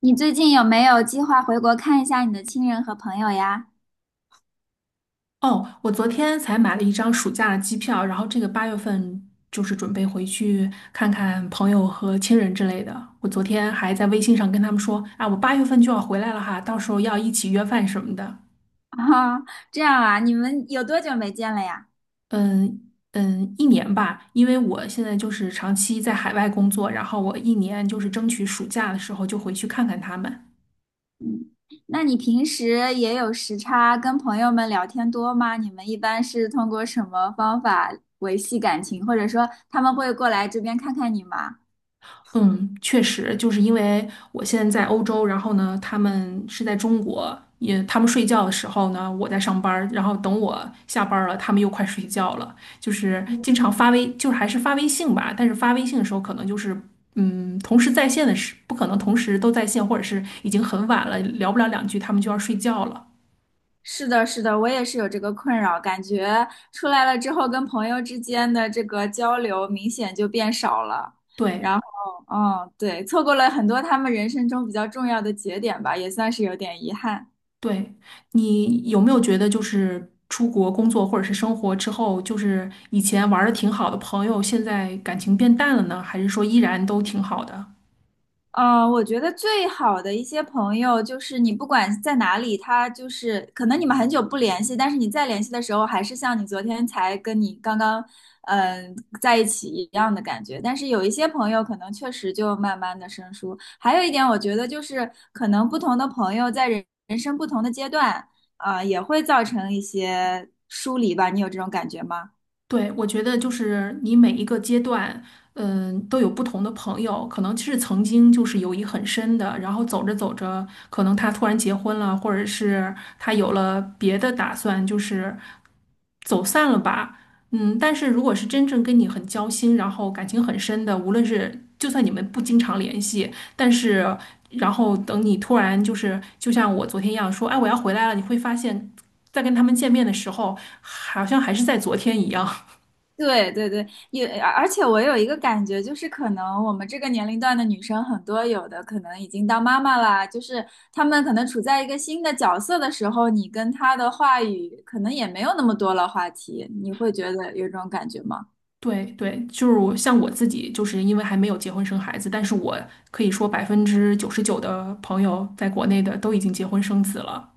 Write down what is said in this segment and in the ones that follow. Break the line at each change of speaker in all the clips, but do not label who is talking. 你最近有没有计划回国看一下你的亲人和朋友呀？
哦，我昨天才买了一张暑假的机票，然后这个八月份就是准备回去看看朋友和亲人之类的。我昨天还在微信上跟他们说，啊，我八月份就要回来了哈，到时候要一起约饭什么的。
啊，这样啊，你们有多久没见了呀？
嗯嗯，一年吧，因为我现在就是长期在海外工作，然后我一年就是争取暑假的时候就回去看看他们。
那你平时也有时差，跟朋友们聊天多吗？你们一般是通过什么方法维系感情，或者说他们会过来这边看看你吗？
嗯，确实，就是因为我现在在欧洲，然后呢，他们是在中国，也他们睡觉的时候呢，我在上班儿然后等我下班儿了，他们又快睡觉了，就是经常发微，就是还是发微信吧，但是发微信的时候可能同时在线的时，不可能同时都在线，或者是已经很晚了，聊不了两句，他们就要睡觉了。
是的，是的，我也是有这个困扰，感觉出来了之后跟朋友之间的这个交流明显就变少了。
对。
嗯，对，错过了很多他们人生中比较重要的节点吧，也算是有点遗憾。
对，你有没有觉得，就是出国工作或者是生活之后，就是以前玩的挺好的朋友，现在感情变淡了呢？还是说依然都挺好的？
我觉得最好的一些朋友，就是你不管在哪里，他就是可能你们很久不联系，但是你再联系的时候，还是像你昨天才跟你刚刚在一起一样的感觉。但是有一些朋友，可能确实就慢慢的生疏。还有一点，我觉得就是可能不同的朋友在人生不同的阶段，也会造成一些疏离吧。你有这种感觉吗？
对，我觉得就是你每一个阶段，嗯，都有不同的朋友，可能是曾经就是友谊很深的，然后走着走着，可能他突然结婚了，或者是他有了别的打算，就是走散了吧。嗯，但是如果是真正跟你很交心，然后感情很深的，无论是就算你们不经常联系，但是然后等你突然就是就像我昨天一样说，哎，我要回来了，你会发现。在跟他们见面的时候，好像还是在昨天一样。
对对对，也而且我有一个感觉，就是可能我们这个年龄段的女生很多，有的可能已经当妈妈啦，就是她们可能处在一个新的角色的时候，你跟她的话语可能也没有那么多了话题，你会觉得有这种感觉吗？
对对，我像我自己，就是因为还没有结婚生孩子，但是我可以说99%的朋友在国内的都已经结婚生子了。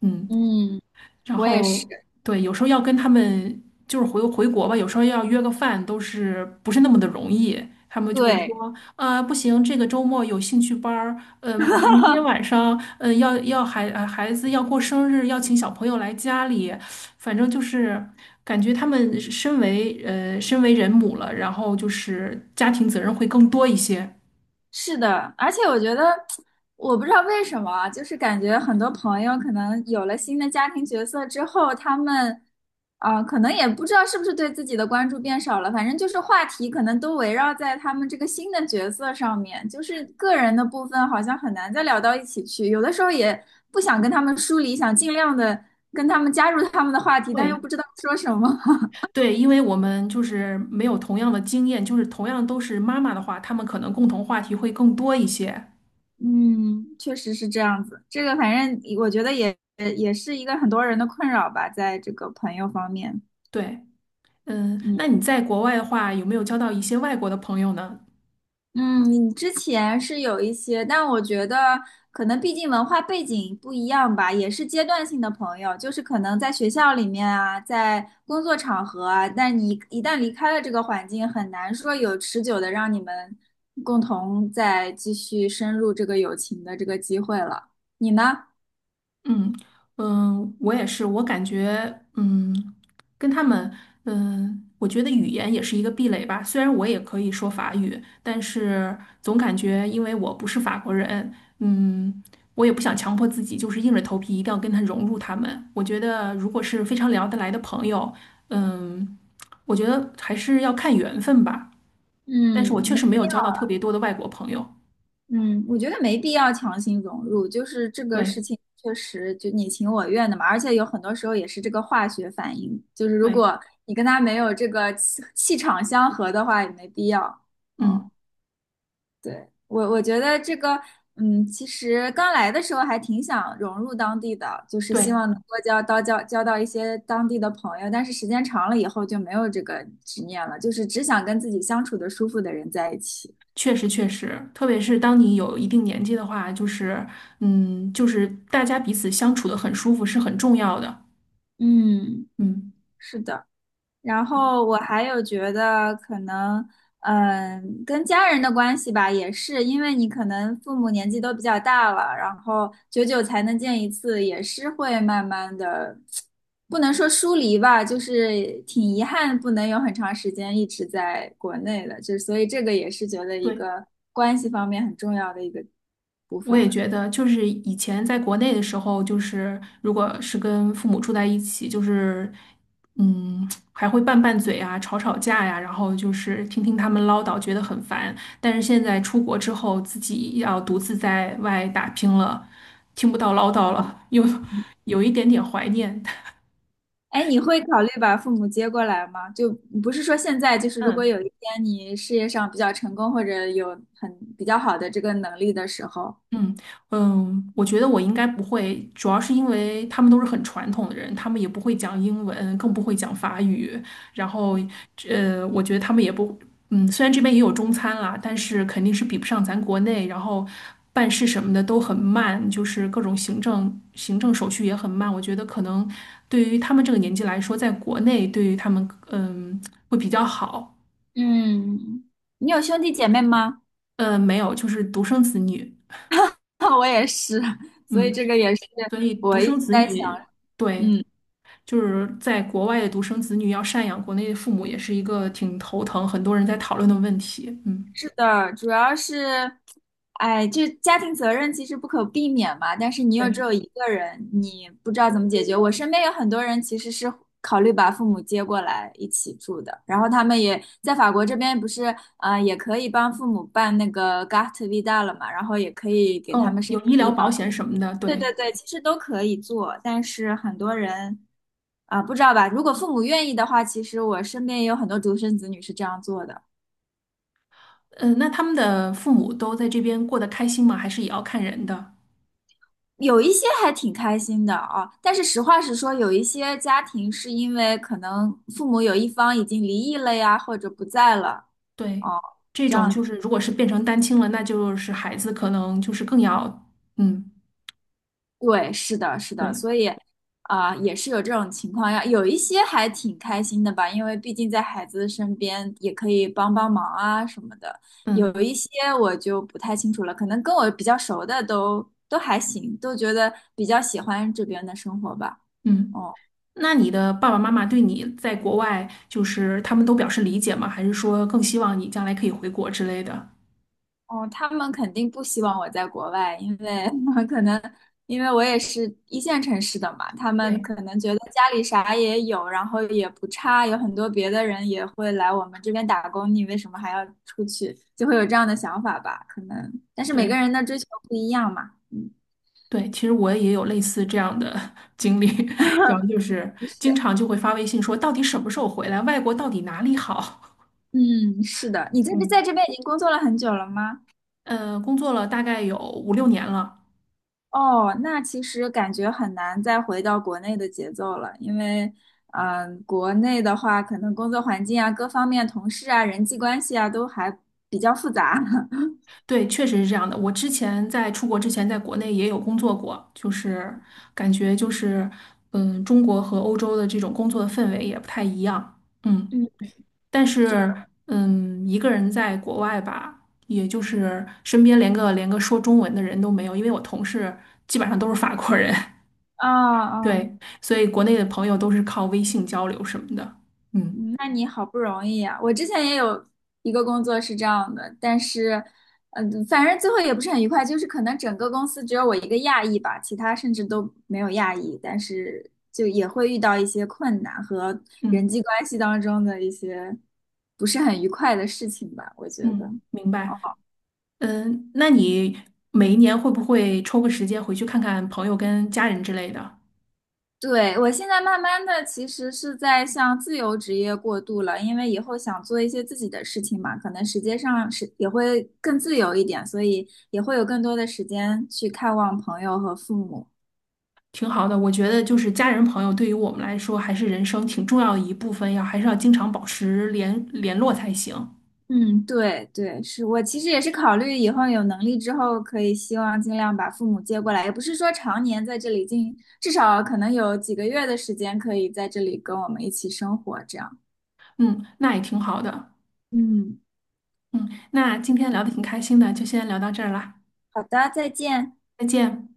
嗯。
嗯，
然
我也是。
后对，有时候要跟他们就是回回国吧，有时候要约个饭都是不是那么的容易。他们就会
对，
说，啊、不行，这个周末有兴趣班儿，嗯、明天 晚上，嗯、要要孩呃孩子要过生日，要请小朋友来家里，反正就是感觉他们身为人母了，然后就是家庭责任会更多一些。
是的，而且我觉得，我不知道为什么啊就是感觉很多朋友可能有了新的家庭角色之后，他们可能也不知道是不是对自己的关注变少了，反正就是话题可能都围绕在他们这个新的角色上面，就是个人的部分好像很难再聊到一起去，有的时候也不想跟他们疏离，想尽量的跟他们加入他们的话题，但
对，
又不知道说什么。
对，因为我们就是没有同样的经验，就是同样都是妈妈的话，他们可能共同话题会更多一些。
嗯，确实是这样子。这个反正我觉得也是一个很多人的困扰吧，在这个朋友方面。
对，嗯，
嗯
那你在国外的话，有没有交到一些外国的朋友呢？
嗯，你之前是有一些，但我觉得可能毕竟文化背景不一样吧，也是阶段性的朋友，就是可能在学校里面啊，在工作场合啊，但你一旦离开了这个环境，很难说有持久的让你们共同再继续深入这个友情的这个机会了。你呢？
嗯嗯，我也是，我感觉嗯，跟他们嗯，我觉得语言也是一个壁垒吧。虽然我也可以说法语，但是总感觉因为我不是法国人，嗯，我也不想强迫自己，就是硬着头皮一定要跟他融入他们。我觉得如果是非常聊得来的朋友，嗯，我觉得还是要看缘分吧。但是我
嗯，
确实没有交到特别多的外国朋友。
嗯，我觉得没必要强行融入，就是这个
对
事情确实就你情我愿的嘛，而且有很多时候也是这个化学反应，就是如
对，
果你跟他没有这个气场相合的话，也没必要。嗯，
嗯，
对，我觉得这个，嗯，其实刚来的时候还挺想融入当地的，就是希
对。
望能够交到一些当地的朋友，但是时间长了以后就没有这个执念了，就是只想跟自己相处的舒服的人在一起。
确实，确实，特别是当你有一定年纪的话，就是，嗯，就是大家彼此相处的很舒服是很重要的。
嗯，
嗯，
是的。然后我还有觉得可能，嗯，跟家人的关系吧，也是因为你可能父母年纪都比较大了，然后久久才能见一次，也是会慢慢的，不能说疏离吧，就是挺遗憾不能有很长时间一直在国内的，就所以这个也是觉得一
对，
个关系方面很重要的一个部
我也
分。
觉得，就是以前在国内的时候，就是如果是跟父母住在一起，就是，嗯，还会拌拌嘴啊，吵吵架呀、然后就是听听他们唠叨，觉得很烦。但是现在出国之后，自己要独自在外打拼了，听不到唠叨了，又有一点点怀念。
哎，你会考虑把父母接过来吗？就不是说现在，就是如果
嗯。
有一天你事业上比较成功，或者有很比较好的这个能力的时候，
嗯嗯，我觉得我应该不会，主要是因为他们都是很传统的人，他们也不会讲英文，更不会讲法语。然后，呃，我觉得他们也不，嗯，虽然这边也有中餐啦，但是肯定是比不上咱国内。然后办事什么的都很慢，就是各种行政手续也很慢。我觉得可能对于他们这个年纪来说，在国内对于他们，嗯，会比较好。
嗯，你有兄弟姐妹吗？
呃，没有，就是独生子女，
我也是，所以
嗯。
这个也是
所以独
我一
生
直
子
在想，
女，对，
嗯。
就是在国外的独生子女要赡养国内的父母，也是一个挺头疼，很多人在讨论的问题。嗯，
是的，主要是，哎，这家庭责任其实不可避免嘛，但是你又
对，
只有一个人，你不知道怎么解决。我身边有很多人其实是考虑把父母接过来一起住的，然后他们也在法国这边不是，也可以帮父母办那个 Gart Vida 了嘛，然后也可以给他们
哦，
申
有医
请
疗
医保。
保险什么的，
对
对，
对对，其实都可以做，但是很多人啊，不知道吧？如果父母愿意的话，其实我身边也有很多独生子女是这样做的。
嗯、那他们的父母都在这边过得开心吗？还是也要看人的？
有一些还挺开心的啊，但是实话实说，有一些家庭是因为可能父母有一方已经离异了呀，或者不在了
对，
哦，
这
这
种
样
就是如果是变成单亲了，那就是孩子可能就是更要，嗯，
对，是的，是的，
对，
所以啊，也是有这种情况呀。有一些还挺开心的吧，因为毕竟在孩子身边也可以帮帮忙啊什么的。有
嗯
一些我就不太清楚了，可能跟我比较熟的都还行，都觉得比较喜欢这边的生活吧。
嗯。
哦。
那你的爸爸妈妈对你在国外，就是他们都表示理解吗？还是说更希望你将来可以回国之类的？
哦，他们肯定不希望我在国外，因为 可能因为我也是一线城市的嘛，他们
对，
可能觉得家里啥也有，然后也不差，有很多别的人也会来我们这边打工，你为什么还要出去？就会有这样的想法吧，可能。但是每个
对
人的追求不一样嘛，嗯，
对，其实我也有类似这样的 经历，然后就是经
是，
常就会发微信说，到底什么时候回来？外国到底哪里好？
嗯，是的。你 在这在
嗯，
这边已经工作了很久了吗？
呃，工作了大概有5、6年了，
哦，那其实感觉很难再回到国内的节奏了，因为，国内的话，可能工作环境啊、各方面、同事啊、人际关系啊，都还比较复杂。
对，确实是这样的。我之前在出国之前，在国内也有工作过，就是感觉就是，嗯，中国和欧洲的这种工作的氛围也不太一样。嗯。
嗯，
但
是
是，嗯，一个人在国外吧，也就是身边连个说中文的人都没有，因为我同事基本上都是法国人，
啊 啊
对，所以国内的朋友都是靠微信交流什么的。嗯
那你好不容易啊！我之前也有一个工作是这样的，但是，反正最后也不是很愉快，就是可能整个公司只有我一个亚裔吧，其他甚至都没有亚裔，但是就也会遇到一些困难和人
嗯
际关系当中的一些不是很愉快的事情吧，我觉得。
嗯，明白。嗯，那你每一年会不会抽个时间回去看看朋友跟家人之类的？
对，我现在慢慢的其实是在向自由职业过渡了，因为以后想做一些自己的事情嘛，可能时间上是也会更自由一点，所以也会有更多的时间去看望朋友和父母。
挺好的，我觉得就是家人朋友对于我们来说还是人生挺重要的一部分，要还是要经常保持联络才行。
嗯，对对，是我其实也是考虑以后有能力之后，可以希望尽量把父母接过来，也不是说常年在这里进，至少可能有几个月的时间可以在这里跟我们一起生活，这样。
嗯，那也挺好的。
嗯，
嗯，那今天聊的挺开心的，就先聊到这儿啦，
好的，再见。
再见。